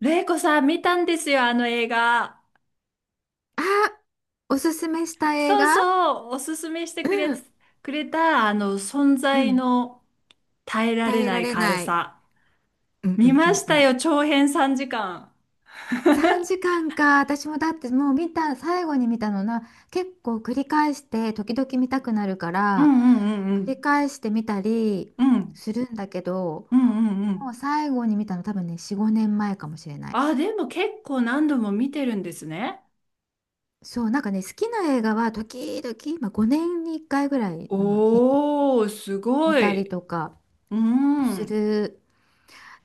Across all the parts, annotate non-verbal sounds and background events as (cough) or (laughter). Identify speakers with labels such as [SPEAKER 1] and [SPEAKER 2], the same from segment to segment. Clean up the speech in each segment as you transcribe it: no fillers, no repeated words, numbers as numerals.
[SPEAKER 1] レイコさん見たんですよ、あの映画。
[SPEAKER 2] あ、おすすめした映
[SPEAKER 1] そう
[SPEAKER 2] 画。
[SPEAKER 1] そう、おすすめして
[SPEAKER 2] う
[SPEAKER 1] くれ、
[SPEAKER 2] ん、
[SPEAKER 1] くれた、存
[SPEAKER 2] う
[SPEAKER 1] 在
[SPEAKER 2] ん。
[SPEAKER 1] の耐えられ
[SPEAKER 2] 耐え
[SPEAKER 1] な
[SPEAKER 2] ら
[SPEAKER 1] い
[SPEAKER 2] れ
[SPEAKER 1] 軽
[SPEAKER 2] ない。
[SPEAKER 1] さ。
[SPEAKER 2] うんう
[SPEAKER 1] 見
[SPEAKER 2] んう
[SPEAKER 1] ま
[SPEAKER 2] ん
[SPEAKER 1] し
[SPEAKER 2] う
[SPEAKER 1] た
[SPEAKER 2] ん。
[SPEAKER 1] よ、長編3時間。
[SPEAKER 2] 3時間かんか。私もだってもう見た、最後に見たのな、結構繰り返して、時々見たくなるか
[SPEAKER 1] う
[SPEAKER 2] ら、
[SPEAKER 1] んうんうんう
[SPEAKER 2] 繰り
[SPEAKER 1] ん。
[SPEAKER 2] 返して見たり
[SPEAKER 1] うん
[SPEAKER 2] するんだけど、
[SPEAKER 1] うんうんう
[SPEAKER 2] もう
[SPEAKER 1] ん。
[SPEAKER 2] 最後に見たの多分ね、4、5年前かもしれない。
[SPEAKER 1] あ、でも結構何度も見てるんですね。
[SPEAKER 2] そう、なんかね、好きな映画は時々、まあ、5年に1回ぐらいの頻度で
[SPEAKER 1] おー、す
[SPEAKER 2] 見
[SPEAKER 1] ご
[SPEAKER 2] たり
[SPEAKER 1] い。
[SPEAKER 2] とか
[SPEAKER 1] う
[SPEAKER 2] す
[SPEAKER 1] ん。
[SPEAKER 2] る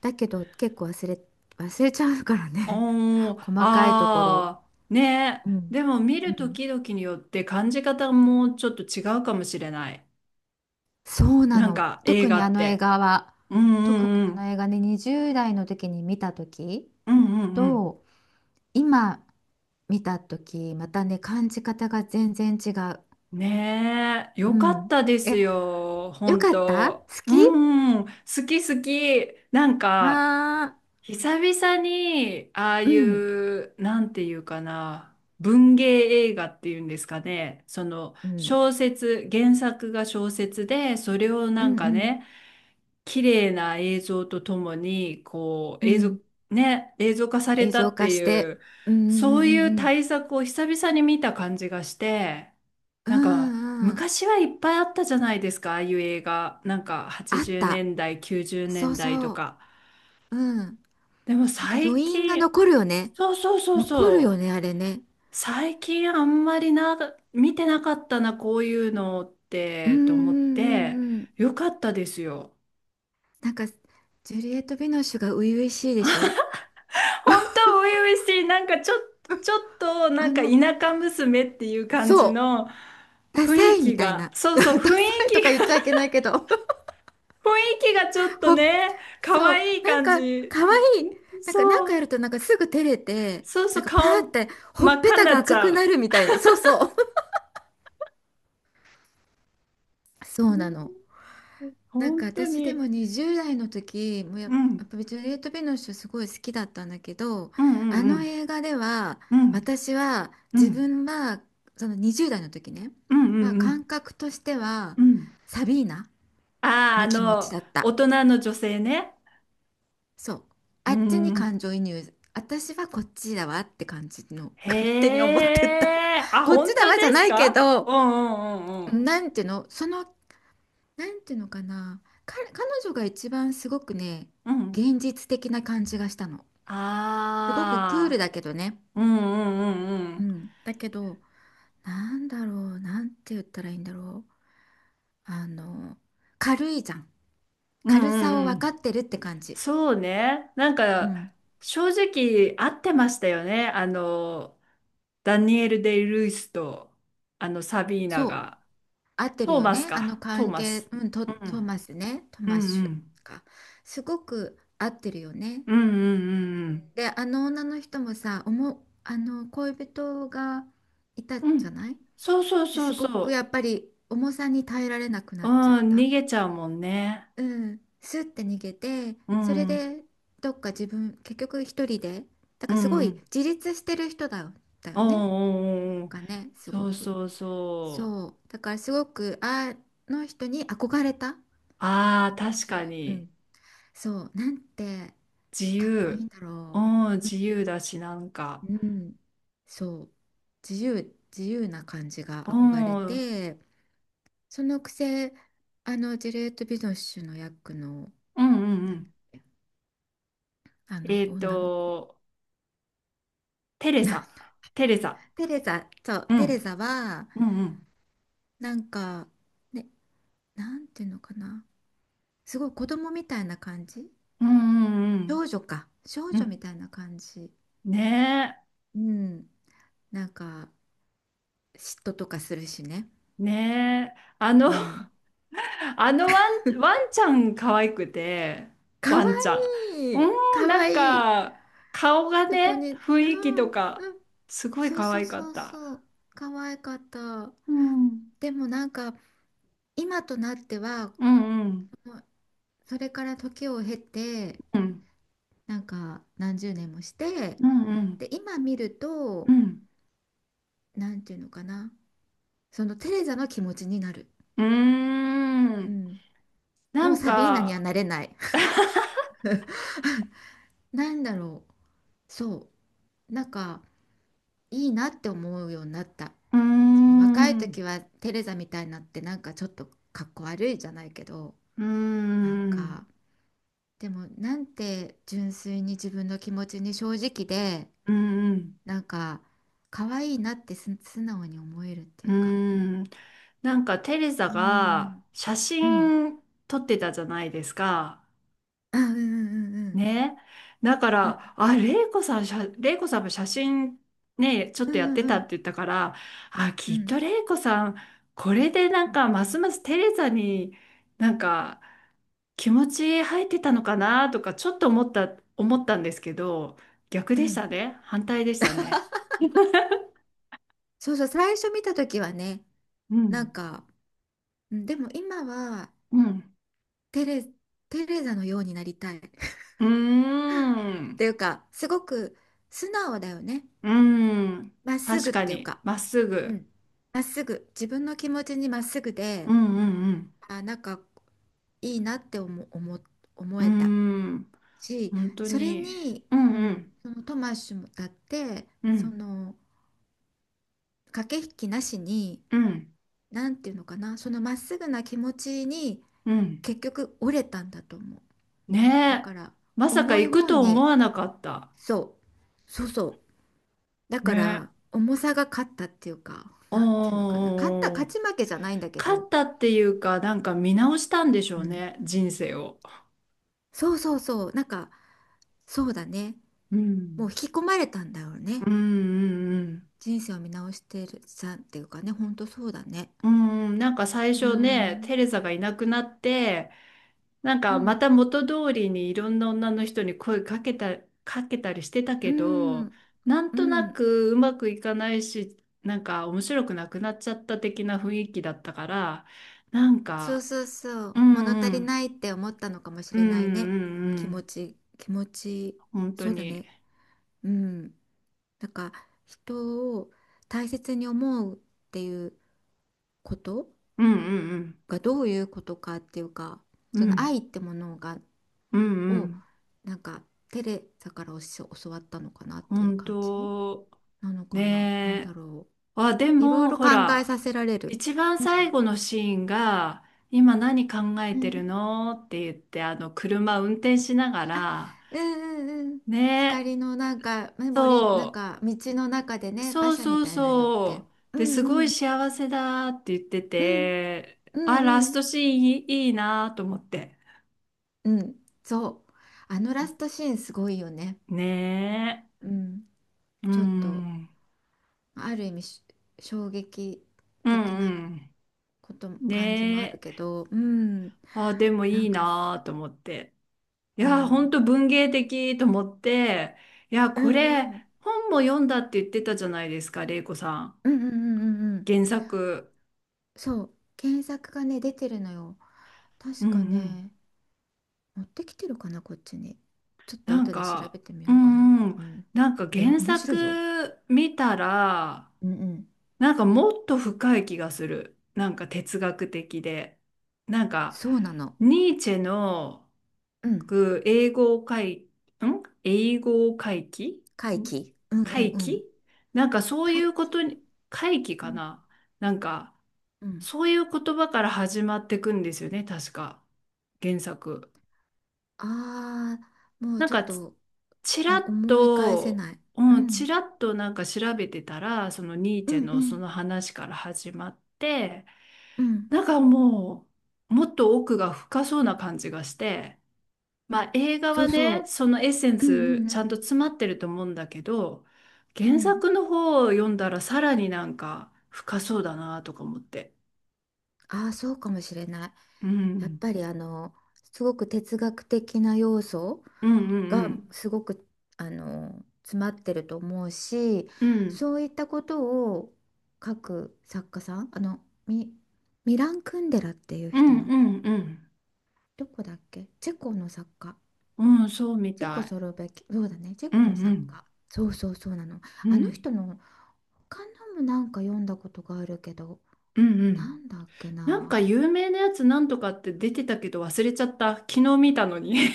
[SPEAKER 2] だけど結構忘れちゃうからね
[SPEAKER 1] お
[SPEAKER 2] (laughs)
[SPEAKER 1] ー、
[SPEAKER 2] 細かいところ。
[SPEAKER 1] あー、ね。
[SPEAKER 2] うん。
[SPEAKER 1] でも見
[SPEAKER 2] う
[SPEAKER 1] ると
[SPEAKER 2] ん。
[SPEAKER 1] きどきによって感じ方もちょっと違うかもしれない。
[SPEAKER 2] そうな
[SPEAKER 1] なん
[SPEAKER 2] の。
[SPEAKER 1] か映画って。うんう
[SPEAKER 2] 特に
[SPEAKER 1] んう
[SPEAKER 2] あの
[SPEAKER 1] ん。
[SPEAKER 2] 映画ね、20代の時に見た時
[SPEAKER 1] うんうんう
[SPEAKER 2] と、今見た時、またね、感じ方が全然違う。
[SPEAKER 1] ん。ねえ、
[SPEAKER 2] う
[SPEAKER 1] よかっ
[SPEAKER 2] ん。
[SPEAKER 1] たです
[SPEAKER 2] え、
[SPEAKER 1] よ。
[SPEAKER 2] よ
[SPEAKER 1] 本
[SPEAKER 2] かった好
[SPEAKER 1] 当。う
[SPEAKER 2] き
[SPEAKER 1] んうん。好き好き。
[SPEAKER 2] ああ
[SPEAKER 1] 久々に、ああ
[SPEAKER 2] ー、う
[SPEAKER 1] い
[SPEAKER 2] ん。
[SPEAKER 1] う、なんていうかな、文芸映画っていうんですかね。その、
[SPEAKER 2] うん。
[SPEAKER 1] 小説、原作が小説で、それを
[SPEAKER 2] う
[SPEAKER 1] なん
[SPEAKER 2] ん
[SPEAKER 1] か
[SPEAKER 2] うん
[SPEAKER 1] ね、綺麗な映像とともに、こう、
[SPEAKER 2] う
[SPEAKER 1] 映像、
[SPEAKER 2] ん。
[SPEAKER 1] ね、映像化され
[SPEAKER 2] 映
[SPEAKER 1] た
[SPEAKER 2] 像
[SPEAKER 1] って
[SPEAKER 2] 化し
[SPEAKER 1] い
[SPEAKER 2] て。
[SPEAKER 1] う、
[SPEAKER 2] うんう
[SPEAKER 1] そう
[SPEAKER 2] ん
[SPEAKER 1] い
[SPEAKER 2] う
[SPEAKER 1] う
[SPEAKER 2] んうん。
[SPEAKER 1] 対策を久々に見た感じがして、
[SPEAKER 2] う
[SPEAKER 1] なんか、
[SPEAKER 2] んうん。
[SPEAKER 1] 昔はいっぱいあったじゃないですか、ああいう映画。なんか、
[SPEAKER 2] あっ
[SPEAKER 1] 80年
[SPEAKER 2] た。
[SPEAKER 1] 代、90年
[SPEAKER 2] そう
[SPEAKER 1] 代と
[SPEAKER 2] そう。
[SPEAKER 1] か。
[SPEAKER 2] うん。
[SPEAKER 1] でも
[SPEAKER 2] なんか
[SPEAKER 1] 最
[SPEAKER 2] 余韻が
[SPEAKER 1] 近、
[SPEAKER 2] 残るよね。
[SPEAKER 1] そうそうそう
[SPEAKER 2] 残るよ
[SPEAKER 1] そ
[SPEAKER 2] ね、あれね。
[SPEAKER 1] う、最近あんまりな、見てなかったな、こういうのっ
[SPEAKER 2] うんう
[SPEAKER 1] て、と思っ
[SPEAKER 2] ん
[SPEAKER 1] て、
[SPEAKER 2] うんうん。
[SPEAKER 1] よかったですよ。
[SPEAKER 2] なんか、ジュリエット・ヴィノッシュが初々しいでしょ。
[SPEAKER 1] 本当初々しい、ちょっとな
[SPEAKER 2] あ
[SPEAKER 1] んか田
[SPEAKER 2] の、
[SPEAKER 1] 舎娘っていう感じ
[SPEAKER 2] そ
[SPEAKER 1] の
[SPEAKER 2] う、ダ
[SPEAKER 1] 雰
[SPEAKER 2] サ
[SPEAKER 1] 囲
[SPEAKER 2] いみ
[SPEAKER 1] 気
[SPEAKER 2] たい
[SPEAKER 1] が、
[SPEAKER 2] な。
[SPEAKER 1] そ
[SPEAKER 2] (laughs)
[SPEAKER 1] う
[SPEAKER 2] ダ
[SPEAKER 1] そう、雰囲
[SPEAKER 2] サいと
[SPEAKER 1] 気
[SPEAKER 2] か言っ
[SPEAKER 1] が、
[SPEAKER 2] ちゃいけないけど。(laughs)
[SPEAKER 1] (laughs) 雰囲気がちょっと
[SPEAKER 2] ほ、
[SPEAKER 1] ね、可
[SPEAKER 2] そう、
[SPEAKER 1] 愛い
[SPEAKER 2] なん
[SPEAKER 1] 感
[SPEAKER 2] か、
[SPEAKER 1] じ。
[SPEAKER 2] 可愛い。
[SPEAKER 1] ん
[SPEAKER 2] なんか、なん
[SPEAKER 1] そ
[SPEAKER 2] かや
[SPEAKER 1] う、
[SPEAKER 2] るとなんかすぐ照れて、
[SPEAKER 1] そう
[SPEAKER 2] な
[SPEAKER 1] そ
[SPEAKER 2] ん
[SPEAKER 1] う、
[SPEAKER 2] かパーっ
[SPEAKER 1] 顔
[SPEAKER 2] て、ほ
[SPEAKER 1] 真
[SPEAKER 2] っ
[SPEAKER 1] っ
[SPEAKER 2] ぺ
[SPEAKER 1] 赤に
[SPEAKER 2] た
[SPEAKER 1] な
[SPEAKER 2] が
[SPEAKER 1] っち
[SPEAKER 2] 赤
[SPEAKER 1] ゃ
[SPEAKER 2] くな
[SPEAKER 1] う。
[SPEAKER 2] るみたいな。そうそう。(laughs) そ
[SPEAKER 1] う
[SPEAKER 2] うなの。
[SPEAKER 1] ん
[SPEAKER 2] なん
[SPEAKER 1] 本
[SPEAKER 2] か
[SPEAKER 1] 当
[SPEAKER 2] 私で
[SPEAKER 1] に。
[SPEAKER 2] も20代の時も
[SPEAKER 1] う
[SPEAKER 2] や
[SPEAKER 1] ん、
[SPEAKER 2] っぱりジュリエット・ビノッシュすごい好きだったんだけど、
[SPEAKER 1] う
[SPEAKER 2] あ
[SPEAKER 1] ん、う
[SPEAKER 2] の
[SPEAKER 1] ん、
[SPEAKER 2] 映画では
[SPEAKER 1] うん、うん、
[SPEAKER 2] 私は
[SPEAKER 1] う
[SPEAKER 2] 自
[SPEAKER 1] ん、
[SPEAKER 2] 分はその20代の時ね
[SPEAKER 1] うん、
[SPEAKER 2] は、
[SPEAKER 1] うん、
[SPEAKER 2] 感覚としては
[SPEAKER 1] うん。
[SPEAKER 2] サビーナ
[SPEAKER 1] ああ、
[SPEAKER 2] の気持ちだっ
[SPEAKER 1] 大
[SPEAKER 2] た。
[SPEAKER 1] 人の女性ね。
[SPEAKER 2] そう、あ
[SPEAKER 1] う
[SPEAKER 2] っちに
[SPEAKER 1] ん。
[SPEAKER 2] 感情移入、私はこっちだわって感じの勝手に
[SPEAKER 1] へ
[SPEAKER 2] 思ってた
[SPEAKER 1] え、
[SPEAKER 2] (laughs)
[SPEAKER 1] あ、
[SPEAKER 2] こっ
[SPEAKER 1] 本
[SPEAKER 2] ち
[SPEAKER 1] 当
[SPEAKER 2] だわ
[SPEAKER 1] で
[SPEAKER 2] じゃ
[SPEAKER 1] す
[SPEAKER 2] ないけ
[SPEAKER 1] かう
[SPEAKER 2] ど。
[SPEAKER 1] んうんうん
[SPEAKER 2] なんていうのそのなんていうのかな、彼女が一番すごくね、
[SPEAKER 1] うん。うん。
[SPEAKER 2] 現実的な感じがしたの。すごくクール
[SPEAKER 1] あ
[SPEAKER 2] だけどね。
[SPEAKER 1] あ、うんう
[SPEAKER 2] う
[SPEAKER 1] ん
[SPEAKER 2] ん。だけど、なんだろう、なんて言ったらいいんだろう。あの、軽いじゃん。
[SPEAKER 1] うん
[SPEAKER 2] 軽
[SPEAKER 1] うん。うん
[SPEAKER 2] さを
[SPEAKER 1] うんう
[SPEAKER 2] 分か
[SPEAKER 1] ん。
[SPEAKER 2] ってるって感じ。
[SPEAKER 1] そうね。
[SPEAKER 2] うん。
[SPEAKER 1] 正直合ってましたよね。ダニエル・デイ・ルイスと、あの、サビーナ
[SPEAKER 2] そう。
[SPEAKER 1] が。
[SPEAKER 2] 合ってる
[SPEAKER 1] トー
[SPEAKER 2] よ
[SPEAKER 1] マス
[SPEAKER 2] ね。あの
[SPEAKER 1] か。トー
[SPEAKER 2] 関
[SPEAKER 1] マ
[SPEAKER 2] 係、
[SPEAKER 1] ス。
[SPEAKER 2] うん、
[SPEAKER 1] うん。
[SPEAKER 2] トマスね。ト
[SPEAKER 1] う
[SPEAKER 2] マッ
[SPEAKER 1] ん
[SPEAKER 2] シ
[SPEAKER 1] う
[SPEAKER 2] ュ
[SPEAKER 1] ん。
[SPEAKER 2] か。すごく合ってるよね。
[SPEAKER 1] うんうんうん
[SPEAKER 2] で、あの女の人もさ、あの恋人がいた
[SPEAKER 1] うん。う
[SPEAKER 2] じゃ
[SPEAKER 1] ん。
[SPEAKER 2] ない
[SPEAKER 1] そうそう
[SPEAKER 2] で、
[SPEAKER 1] そう
[SPEAKER 2] すごくや
[SPEAKER 1] そ
[SPEAKER 2] っぱり重さに耐えられなくな
[SPEAKER 1] う。う
[SPEAKER 2] っちゃっ
[SPEAKER 1] ん、
[SPEAKER 2] た。
[SPEAKER 1] 逃げちゃうもんね。
[SPEAKER 2] うん、スッて逃げて、
[SPEAKER 1] うん。
[SPEAKER 2] それ
[SPEAKER 1] うん
[SPEAKER 2] でどっか自分結局一人で、だ
[SPEAKER 1] う
[SPEAKER 2] からすごい
[SPEAKER 1] ん
[SPEAKER 2] 自立してる人だよ、だよ
[SPEAKER 1] うん
[SPEAKER 2] ね。
[SPEAKER 1] うんうんうん。
[SPEAKER 2] がねす
[SPEAKER 1] そ
[SPEAKER 2] ご
[SPEAKER 1] う
[SPEAKER 2] く、
[SPEAKER 1] そうそう。
[SPEAKER 2] そうだからすごくあの人に憧れた。
[SPEAKER 1] ああ、確
[SPEAKER 2] じゅ
[SPEAKER 1] か
[SPEAKER 2] う
[SPEAKER 1] に。
[SPEAKER 2] ん、そうなんて
[SPEAKER 1] 自
[SPEAKER 2] かっこいい
[SPEAKER 1] 由。
[SPEAKER 2] んだ
[SPEAKER 1] う
[SPEAKER 2] ろ
[SPEAKER 1] ん、自由だし、なんか。
[SPEAKER 2] う。うん、そう、自由、自由な感じが
[SPEAKER 1] う
[SPEAKER 2] 憧れ
[SPEAKER 1] ん、うん
[SPEAKER 2] て。そのくせ、あの、ジェレート・ビノッシュの役の、
[SPEAKER 1] うんう
[SPEAKER 2] なんだっ
[SPEAKER 1] ん。
[SPEAKER 2] け、あの、
[SPEAKER 1] えっ
[SPEAKER 2] 女の子。
[SPEAKER 1] と、テレサ。
[SPEAKER 2] (laughs)
[SPEAKER 1] テレサ。
[SPEAKER 2] テレザ、そう、
[SPEAKER 1] う
[SPEAKER 2] テレ
[SPEAKER 1] ん。
[SPEAKER 2] ザは、
[SPEAKER 1] うんうん。
[SPEAKER 2] なんか、ね、なんていうのかな。すごい子供みたいな感じ、
[SPEAKER 1] うんうん
[SPEAKER 2] 少女か。少
[SPEAKER 1] うん。う
[SPEAKER 2] 女み
[SPEAKER 1] ん
[SPEAKER 2] たいな感じ。
[SPEAKER 1] ね
[SPEAKER 2] うん。なんか、嫉妬とかするしね。
[SPEAKER 1] え。ねえ。あの、
[SPEAKER 2] うん。
[SPEAKER 1] (laughs) ワンちゃん可愛くて、
[SPEAKER 2] か
[SPEAKER 1] ワ
[SPEAKER 2] わ
[SPEAKER 1] ンちゃん。
[SPEAKER 2] いい。
[SPEAKER 1] うん、
[SPEAKER 2] か
[SPEAKER 1] な
[SPEAKER 2] わ
[SPEAKER 1] ん
[SPEAKER 2] いい。
[SPEAKER 1] か、顔が
[SPEAKER 2] そこに、
[SPEAKER 1] ね、
[SPEAKER 2] う
[SPEAKER 1] 雰囲気
[SPEAKER 2] ん、
[SPEAKER 1] と
[SPEAKER 2] うん。
[SPEAKER 1] か、すごい
[SPEAKER 2] そう
[SPEAKER 1] 可
[SPEAKER 2] そう
[SPEAKER 1] 愛か
[SPEAKER 2] そ
[SPEAKER 1] っ
[SPEAKER 2] う
[SPEAKER 1] た。
[SPEAKER 2] そう。かわいかった。
[SPEAKER 1] うん、
[SPEAKER 2] でもなんか、今となっては
[SPEAKER 1] うん、うん、
[SPEAKER 2] もう、それから時を経て、
[SPEAKER 1] うん、
[SPEAKER 2] なんか何十年もして、
[SPEAKER 1] うん、うん、
[SPEAKER 2] で今見る
[SPEAKER 1] う
[SPEAKER 2] と、
[SPEAKER 1] ん、
[SPEAKER 2] なんていうのかな、そのテレザの気持ちになる、
[SPEAKER 1] うー
[SPEAKER 2] う
[SPEAKER 1] ん、
[SPEAKER 2] ん、
[SPEAKER 1] な
[SPEAKER 2] もう
[SPEAKER 1] ん
[SPEAKER 2] サビーナには
[SPEAKER 1] か、
[SPEAKER 2] なれない。 (laughs) なんだろう、そうなんか、いいなって思うようになった。
[SPEAKER 1] うー
[SPEAKER 2] その若い
[SPEAKER 1] ん、う
[SPEAKER 2] 時はテレザみたいになってなんかちょっとかっこ悪いじゃないけど、
[SPEAKER 1] ー
[SPEAKER 2] なん
[SPEAKER 1] ん、
[SPEAKER 2] か、でもなんて純粋に自分の気持ちに正直で、
[SPEAKER 1] うんうん、
[SPEAKER 2] なんか可愛いなって素直に思えるって
[SPEAKER 1] う
[SPEAKER 2] い
[SPEAKER 1] ー
[SPEAKER 2] うか。
[SPEAKER 1] ん、なんかテレサ
[SPEAKER 2] うー
[SPEAKER 1] が
[SPEAKER 2] ん、
[SPEAKER 1] 写
[SPEAKER 2] うん、
[SPEAKER 1] 真撮ってたじゃないですか。
[SPEAKER 2] あ、うんうんうん
[SPEAKER 1] ね。だか
[SPEAKER 2] う
[SPEAKER 1] ら、
[SPEAKER 2] ん
[SPEAKER 1] あ、レイコさん、レイコさんも写真ね、ちょっ
[SPEAKER 2] う
[SPEAKER 1] とやっ
[SPEAKER 2] んう
[SPEAKER 1] て
[SPEAKER 2] ん、
[SPEAKER 1] た
[SPEAKER 2] う
[SPEAKER 1] って
[SPEAKER 2] ん
[SPEAKER 1] 言ったから、あ、
[SPEAKER 2] う
[SPEAKER 1] きっ
[SPEAKER 2] ん
[SPEAKER 1] とレイコさん、これでなんか、ますますテレサに、なんか、気持ち入ってたのかなとかちょっと思ったんですけど、逆
[SPEAKER 2] う
[SPEAKER 1] でし
[SPEAKER 2] ん、
[SPEAKER 1] たね。反対でしたね。(laughs)
[SPEAKER 2] そうそう、最初見た時はね、
[SPEAKER 1] う
[SPEAKER 2] なん
[SPEAKER 1] ん。
[SPEAKER 2] か、うん、でも今は、
[SPEAKER 1] うん。
[SPEAKER 2] テレ、テレザのようになりたい (laughs) っ
[SPEAKER 1] うー
[SPEAKER 2] て
[SPEAKER 1] ん。
[SPEAKER 2] いうか、すごく素直だよね。
[SPEAKER 1] うーん。
[SPEAKER 2] まっす
[SPEAKER 1] 確
[SPEAKER 2] ぐっ
[SPEAKER 1] か
[SPEAKER 2] ていう
[SPEAKER 1] に、
[SPEAKER 2] か、
[SPEAKER 1] まっす
[SPEAKER 2] う
[SPEAKER 1] ぐ。
[SPEAKER 2] ん、まっすぐ自分の気持ちにまっすぐ
[SPEAKER 1] う
[SPEAKER 2] で、
[SPEAKER 1] んうん
[SPEAKER 2] あ、なんかいいなって思、思、
[SPEAKER 1] う
[SPEAKER 2] 思えた
[SPEAKER 1] ん。うーん。
[SPEAKER 2] し、
[SPEAKER 1] 本当
[SPEAKER 2] それ
[SPEAKER 1] に。
[SPEAKER 2] に、
[SPEAKER 1] うん
[SPEAKER 2] う
[SPEAKER 1] う
[SPEAKER 2] ん、
[SPEAKER 1] ん
[SPEAKER 2] そのトマッシュもだって、
[SPEAKER 1] う
[SPEAKER 2] そ
[SPEAKER 1] ん。
[SPEAKER 2] の駆け引きなしに、
[SPEAKER 1] うん
[SPEAKER 2] なんていうのかな、そのまっすぐな気持ちに
[SPEAKER 1] うん。
[SPEAKER 2] 結局折れたんだと思う。だ
[SPEAKER 1] ね
[SPEAKER 2] か
[SPEAKER 1] え。
[SPEAKER 2] ら
[SPEAKER 1] まさか
[SPEAKER 2] 重い
[SPEAKER 1] 行く
[SPEAKER 2] 方
[SPEAKER 1] と思
[SPEAKER 2] に、
[SPEAKER 1] わなかった。
[SPEAKER 2] そう、そうそう。だ
[SPEAKER 1] ね
[SPEAKER 2] から
[SPEAKER 1] え。
[SPEAKER 2] 重さが勝ったっていうか、なんていうのかな、勝った
[SPEAKER 1] おー。
[SPEAKER 2] 勝ち負けじゃないんだけ
[SPEAKER 1] 勝
[SPEAKER 2] ど、
[SPEAKER 1] ったっていうか、なんか見直したんでしょ
[SPEAKER 2] う
[SPEAKER 1] う
[SPEAKER 2] ん、
[SPEAKER 1] ね、人生を。
[SPEAKER 2] そうそうそう、なんか、そうだね、
[SPEAKER 1] う
[SPEAKER 2] も
[SPEAKER 1] ん。
[SPEAKER 2] う引き込まれたんだよね。
[SPEAKER 1] うんうん
[SPEAKER 2] 人生を見直してるさんっていうかね、ほんとそうだね。
[SPEAKER 1] うん。うん、なんか最
[SPEAKER 2] うー
[SPEAKER 1] 初ね、
[SPEAKER 2] ん。
[SPEAKER 1] テレザがいなくなって、なん
[SPEAKER 2] う
[SPEAKER 1] かま
[SPEAKER 2] ん、
[SPEAKER 1] た元通りにいろんな女の人に声かけた、かけたりしてた
[SPEAKER 2] う
[SPEAKER 1] けど、
[SPEAKER 2] ん、
[SPEAKER 1] なん
[SPEAKER 2] う
[SPEAKER 1] とな
[SPEAKER 2] ん。
[SPEAKER 1] くうまくいかないし、なんか面白くなくなっちゃった的な雰囲気だったから、なん
[SPEAKER 2] そう
[SPEAKER 1] か、
[SPEAKER 2] そうそ
[SPEAKER 1] う
[SPEAKER 2] う。物
[SPEAKER 1] ん
[SPEAKER 2] 足
[SPEAKER 1] う
[SPEAKER 2] り
[SPEAKER 1] ん、
[SPEAKER 2] ないって思ったのかもし
[SPEAKER 1] うん
[SPEAKER 2] れ
[SPEAKER 1] う
[SPEAKER 2] ないね。
[SPEAKER 1] んう
[SPEAKER 2] 気
[SPEAKER 1] ん、
[SPEAKER 2] 持ち、気持ち、
[SPEAKER 1] 本当
[SPEAKER 2] そうだ
[SPEAKER 1] に、
[SPEAKER 2] ね。うん。なんか、人を大切に思うっていうこと
[SPEAKER 1] うんうん
[SPEAKER 2] がどういうことかっていうか、
[SPEAKER 1] う
[SPEAKER 2] そ
[SPEAKER 1] ん、う
[SPEAKER 2] の
[SPEAKER 1] ん、
[SPEAKER 2] 愛ってものが、
[SPEAKER 1] うんう
[SPEAKER 2] を、
[SPEAKER 1] ん。
[SPEAKER 2] なんか、テレサから教わったのかなっていう
[SPEAKER 1] 本
[SPEAKER 2] 感じ
[SPEAKER 1] 当、
[SPEAKER 2] なのかな。なんだ
[SPEAKER 1] ねえ。
[SPEAKER 2] ろ
[SPEAKER 1] あ、で
[SPEAKER 2] う。いろい
[SPEAKER 1] も、
[SPEAKER 2] ろ
[SPEAKER 1] ほ
[SPEAKER 2] 考え
[SPEAKER 1] ら、
[SPEAKER 2] させられる。
[SPEAKER 1] 一番
[SPEAKER 2] うん、
[SPEAKER 1] 最後のシーンが、今何考え
[SPEAKER 2] う
[SPEAKER 1] てる
[SPEAKER 2] ん、
[SPEAKER 1] のって言って、あの、車運転しなが
[SPEAKER 2] あ、
[SPEAKER 1] ら、
[SPEAKER 2] うんうんうん、
[SPEAKER 1] ねえ、
[SPEAKER 2] 光のなんかメモリ、なん
[SPEAKER 1] そ
[SPEAKER 2] か道の中で
[SPEAKER 1] う、
[SPEAKER 2] ね、
[SPEAKER 1] そ
[SPEAKER 2] 馬
[SPEAKER 1] う
[SPEAKER 2] 車み
[SPEAKER 1] そう
[SPEAKER 2] たいなのっけ、
[SPEAKER 1] そう。
[SPEAKER 2] う
[SPEAKER 1] で、すご
[SPEAKER 2] ん
[SPEAKER 1] い
[SPEAKER 2] うん
[SPEAKER 1] 幸せだって言って
[SPEAKER 2] うん
[SPEAKER 1] て、
[SPEAKER 2] う
[SPEAKER 1] あ、ラス
[SPEAKER 2] んう
[SPEAKER 1] トシーンいい、いいなと思って。
[SPEAKER 2] んうんそう、あのラストシーンすごいよね。
[SPEAKER 1] ね
[SPEAKER 2] うん、
[SPEAKER 1] え、うん、う
[SPEAKER 2] ちょっと、
[SPEAKER 1] ん
[SPEAKER 2] ある意味衝撃
[SPEAKER 1] う
[SPEAKER 2] 的な
[SPEAKER 1] ん。
[SPEAKER 2] ことも感じ
[SPEAKER 1] ね
[SPEAKER 2] もある
[SPEAKER 1] え、
[SPEAKER 2] けど、うん、
[SPEAKER 1] あ、でも
[SPEAKER 2] な
[SPEAKER 1] い
[SPEAKER 2] ん
[SPEAKER 1] い
[SPEAKER 2] かす、
[SPEAKER 1] なと思って。い
[SPEAKER 2] う
[SPEAKER 1] やー、ほんと
[SPEAKER 2] ん、
[SPEAKER 1] 文芸的と思って、いやー、
[SPEAKER 2] う
[SPEAKER 1] こ
[SPEAKER 2] んう
[SPEAKER 1] れ、
[SPEAKER 2] ん
[SPEAKER 1] 本も読んだって言ってたじゃないですか、玲子さん。
[SPEAKER 2] うんうんうんうんうん、
[SPEAKER 1] 原作。
[SPEAKER 2] そう検索がね出てるのよ、
[SPEAKER 1] う
[SPEAKER 2] 確
[SPEAKER 1] んう
[SPEAKER 2] か
[SPEAKER 1] ん。
[SPEAKER 2] ね。持ってきてるかな、こっちに。ちょっと
[SPEAKER 1] なん
[SPEAKER 2] 後で調
[SPEAKER 1] か、
[SPEAKER 2] べてみ
[SPEAKER 1] う
[SPEAKER 2] ようかな。
[SPEAKER 1] んうん。
[SPEAKER 2] うん。
[SPEAKER 1] なんか
[SPEAKER 2] え、
[SPEAKER 1] 原
[SPEAKER 2] 面白
[SPEAKER 1] 作
[SPEAKER 2] いよ。
[SPEAKER 1] 見たら、
[SPEAKER 2] うんうん。
[SPEAKER 1] なんかもっと深い気がする。なんか哲学的で。なんか、
[SPEAKER 2] そうなの。
[SPEAKER 1] ニーチェの、
[SPEAKER 2] うん。
[SPEAKER 1] く英語会、ん英語会議
[SPEAKER 2] 回
[SPEAKER 1] ん
[SPEAKER 2] 帰。うんうん
[SPEAKER 1] 会
[SPEAKER 2] う
[SPEAKER 1] 議
[SPEAKER 2] ん。
[SPEAKER 1] なんかそうい
[SPEAKER 2] 回
[SPEAKER 1] うこ
[SPEAKER 2] 帰。
[SPEAKER 1] とに、会議
[SPEAKER 2] う
[SPEAKER 1] か
[SPEAKER 2] ん
[SPEAKER 1] ななんか、
[SPEAKER 2] うん。
[SPEAKER 1] そういう言葉から始まってくんですよね、確か。原作。
[SPEAKER 2] ああ、もう
[SPEAKER 1] なん
[SPEAKER 2] ちょっ
[SPEAKER 1] かち、
[SPEAKER 2] と、
[SPEAKER 1] ち
[SPEAKER 2] う
[SPEAKER 1] ら
[SPEAKER 2] ん、
[SPEAKER 1] っ
[SPEAKER 2] 思い返せ
[SPEAKER 1] と、
[SPEAKER 2] ない。う
[SPEAKER 1] うん、ち
[SPEAKER 2] ん。
[SPEAKER 1] らっとなんか調べてたら、そのニー
[SPEAKER 2] う
[SPEAKER 1] チェ
[SPEAKER 2] んう
[SPEAKER 1] のそ
[SPEAKER 2] ん
[SPEAKER 1] の話から始まって、
[SPEAKER 2] うん。
[SPEAKER 1] なんかももっと奥が深そうな感じがして、まあ映画
[SPEAKER 2] そ
[SPEAKER 1] は
[SPEAKER 2] うそ
[SPEAKER 1] ね、
[SPEAKER 2] う。
[SPEAKER 1] そのエッセン
[SPEAKER 2] うんう
[SPEAKER 1] ス
[SPEAKER 2] んう
[SPEAKER 1] ちゃんと
[SPEAKER 2] ん。
[SPEAKER 1] 詰まってると思うんだけど、
[SPEAKER 2] う
[SPEAKER 1] 原
[SPEAKER 2] ん。
[SPEAKER 1] 作の方を読んだらさらになんか深そうだなとか思って。
[SPEAKER 2] ああ、そうかもしれない。
[SPEAKER 1] う
[SPEAKER 2] やっ
[SPEAKER 1] ん。
[SPEAKER 2] ぱりあの、すごく哲学的な要素
[SPEAKER 1] うんうん
[SPEAKER 2] が
[SPEAKER 1] うん。
[SPEAKER 2] すごく、あの、詰まってると思うし、
[SPEAKER 1] うん。
[SPEAKER 2] そういったことを書く作家さん、あの、ミ、ミラン・クンデラっていう
[SPEAKER 1] う
[SPEAKER 2] 人
[SPEAKER 1] んう
[SPEAKER 2] の、
[SPEAKER 1] んうん。
[SPEAKER 2] どこだっけ、チェコの作家。
[SPEAKER 1] うん、そうみ
[SPEAKER 2] チェコ
[SPEAKER 1] たい。
[SPEAKER 2] スロベキそうだね、チェ
[SPEAKER 1] うん
[SPEAKER 2] コ
[SPEAKER 1] う
[SPEAKER 2] の作
[SPEAKER 1] ん。
[SPEAKER 2] 家。そうそうそうなの。
[SPEAKER 1] う
[SPEAKER 2] あの
[SPEAKER 1] ん。
[SPEAKER 2] 人の他のもなんか読んだことがあるけど、
[SPEAKER 1] うんう
[SPEAKER 2] な
[SPEAKER 1] ん。
[SPEAKER 2] んだっけ
[SPEAKER 1] なんか
[SPEAKER 2] な。
[SPEAKER 1] 有名なやつなんとかって出てたけど忘れちゃった。昨日見たのに。(laughs)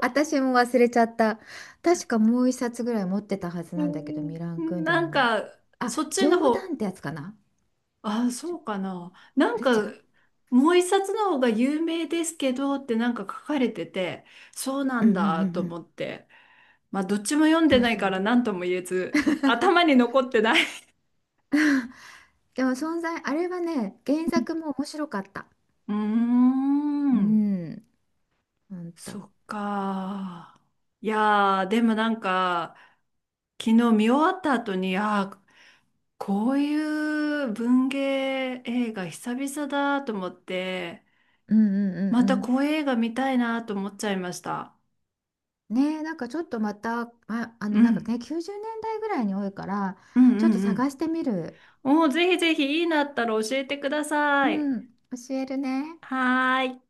[SPEAKER 2] 私も忘れちゃった。確かもう一冊ぐらい持ってたはずなんだけど、ミラン・
[SPEAKER 1] う
[SPEAKER 2] ク
[SPEAKER 1] ん
[SPEAKER 2] ンデ
[SPEAKER 1] な
[SPEAKER 2] ラ
[SPEAKER 1] ん
[SPEAKER 2] の、
[SPEAKER 1] か、
[SPEAKER 2] あ、
[SPEAKER 1] そっちの
[SPEAKER 2] 冗
[SPEAKER 1] 方、
[SPEAKER 2] 談ってやつかな。
[SPEAKER 1] あ、
[SPEAKER 2] ち
[SPEAKER 1] そ
[SPEAKER 2] ょ
[SPEAKER 1] うかな。な
[SPEAKER 2] あ
[SPEAKER 1] ん
[SPEAKER 2] れ違
[SPEAKER 1] か、
[SPEAKER 2] う。
[SPEAKER 1] もう一冊の方が有名ですけどってなんか書かれてて、そうな
[SPEAKER 2] うん
[SPEAKER 1] ん
[SPEAKER 2] うんう
[SPEAKER 1] だと
[SPEAKER 2] んうん。
[SPEAKER 1] 思って。まあ、どっちも読んで
[SPEAKER 2] そう
[SPEAKER 1] ない
[SPEAKER 2] そ
[SPEAKER 1] から
[SPEAKER 2] う。
[SPEAKER 1] 何とも言えず、頭に
[SPEAKER 2] (laughs)
[SPEAKER 1] 残ってない。
[SPEAKER 2] でも存在、あれはね、原作も面白かった。
[SPEAKER 1] うー
[SPEAKER 2] う
[SPEAKER 1] ん、
[SPEAKER 2] ん、ほん
[SPEAKER 1] そ
[SPEAKER 2] と。
[SPEAKER 1] っか。いやー、でもなんか、昨日見終わった後に、あー、こういう文芸映画久々だと思って、
[SPEAKER 2] うんうん
[SPEAKER 1] ま
[SPEAKER 2] う
[SPEAKER 1] た
[SPEAKER 2] ん
[SPEAKER 1] こう
[SPEAKER 2] う
[SPEAKER 1] いう映画見たいなと思っちゃいました。
[SPEAKER 2] ん。ねえ、なんかちょっとまた、あ、あの、
[SPEAKER 1] う
[SPEAKER 2] なんか
[SPEAKER 1] ん。
[SPEAKER 2] ね、90年代ぐらいに多いから、
[SPEAKER 1] うん
[SPEAKER 2] ちょっ
[SPEAKER 1] う
[SPEAKER 2] と
[SPEAKER 1] ん
[SPEAKER 2] 探してみる。
[SPEAKER 1] うん。おー、ぜひぜひいいなったら教えてくだ
[SPEAKER 2] う
[SPEAKER 1] さい。
[SPEAKER 2] ん、教えるね。
[SPEAKER 1] はーい。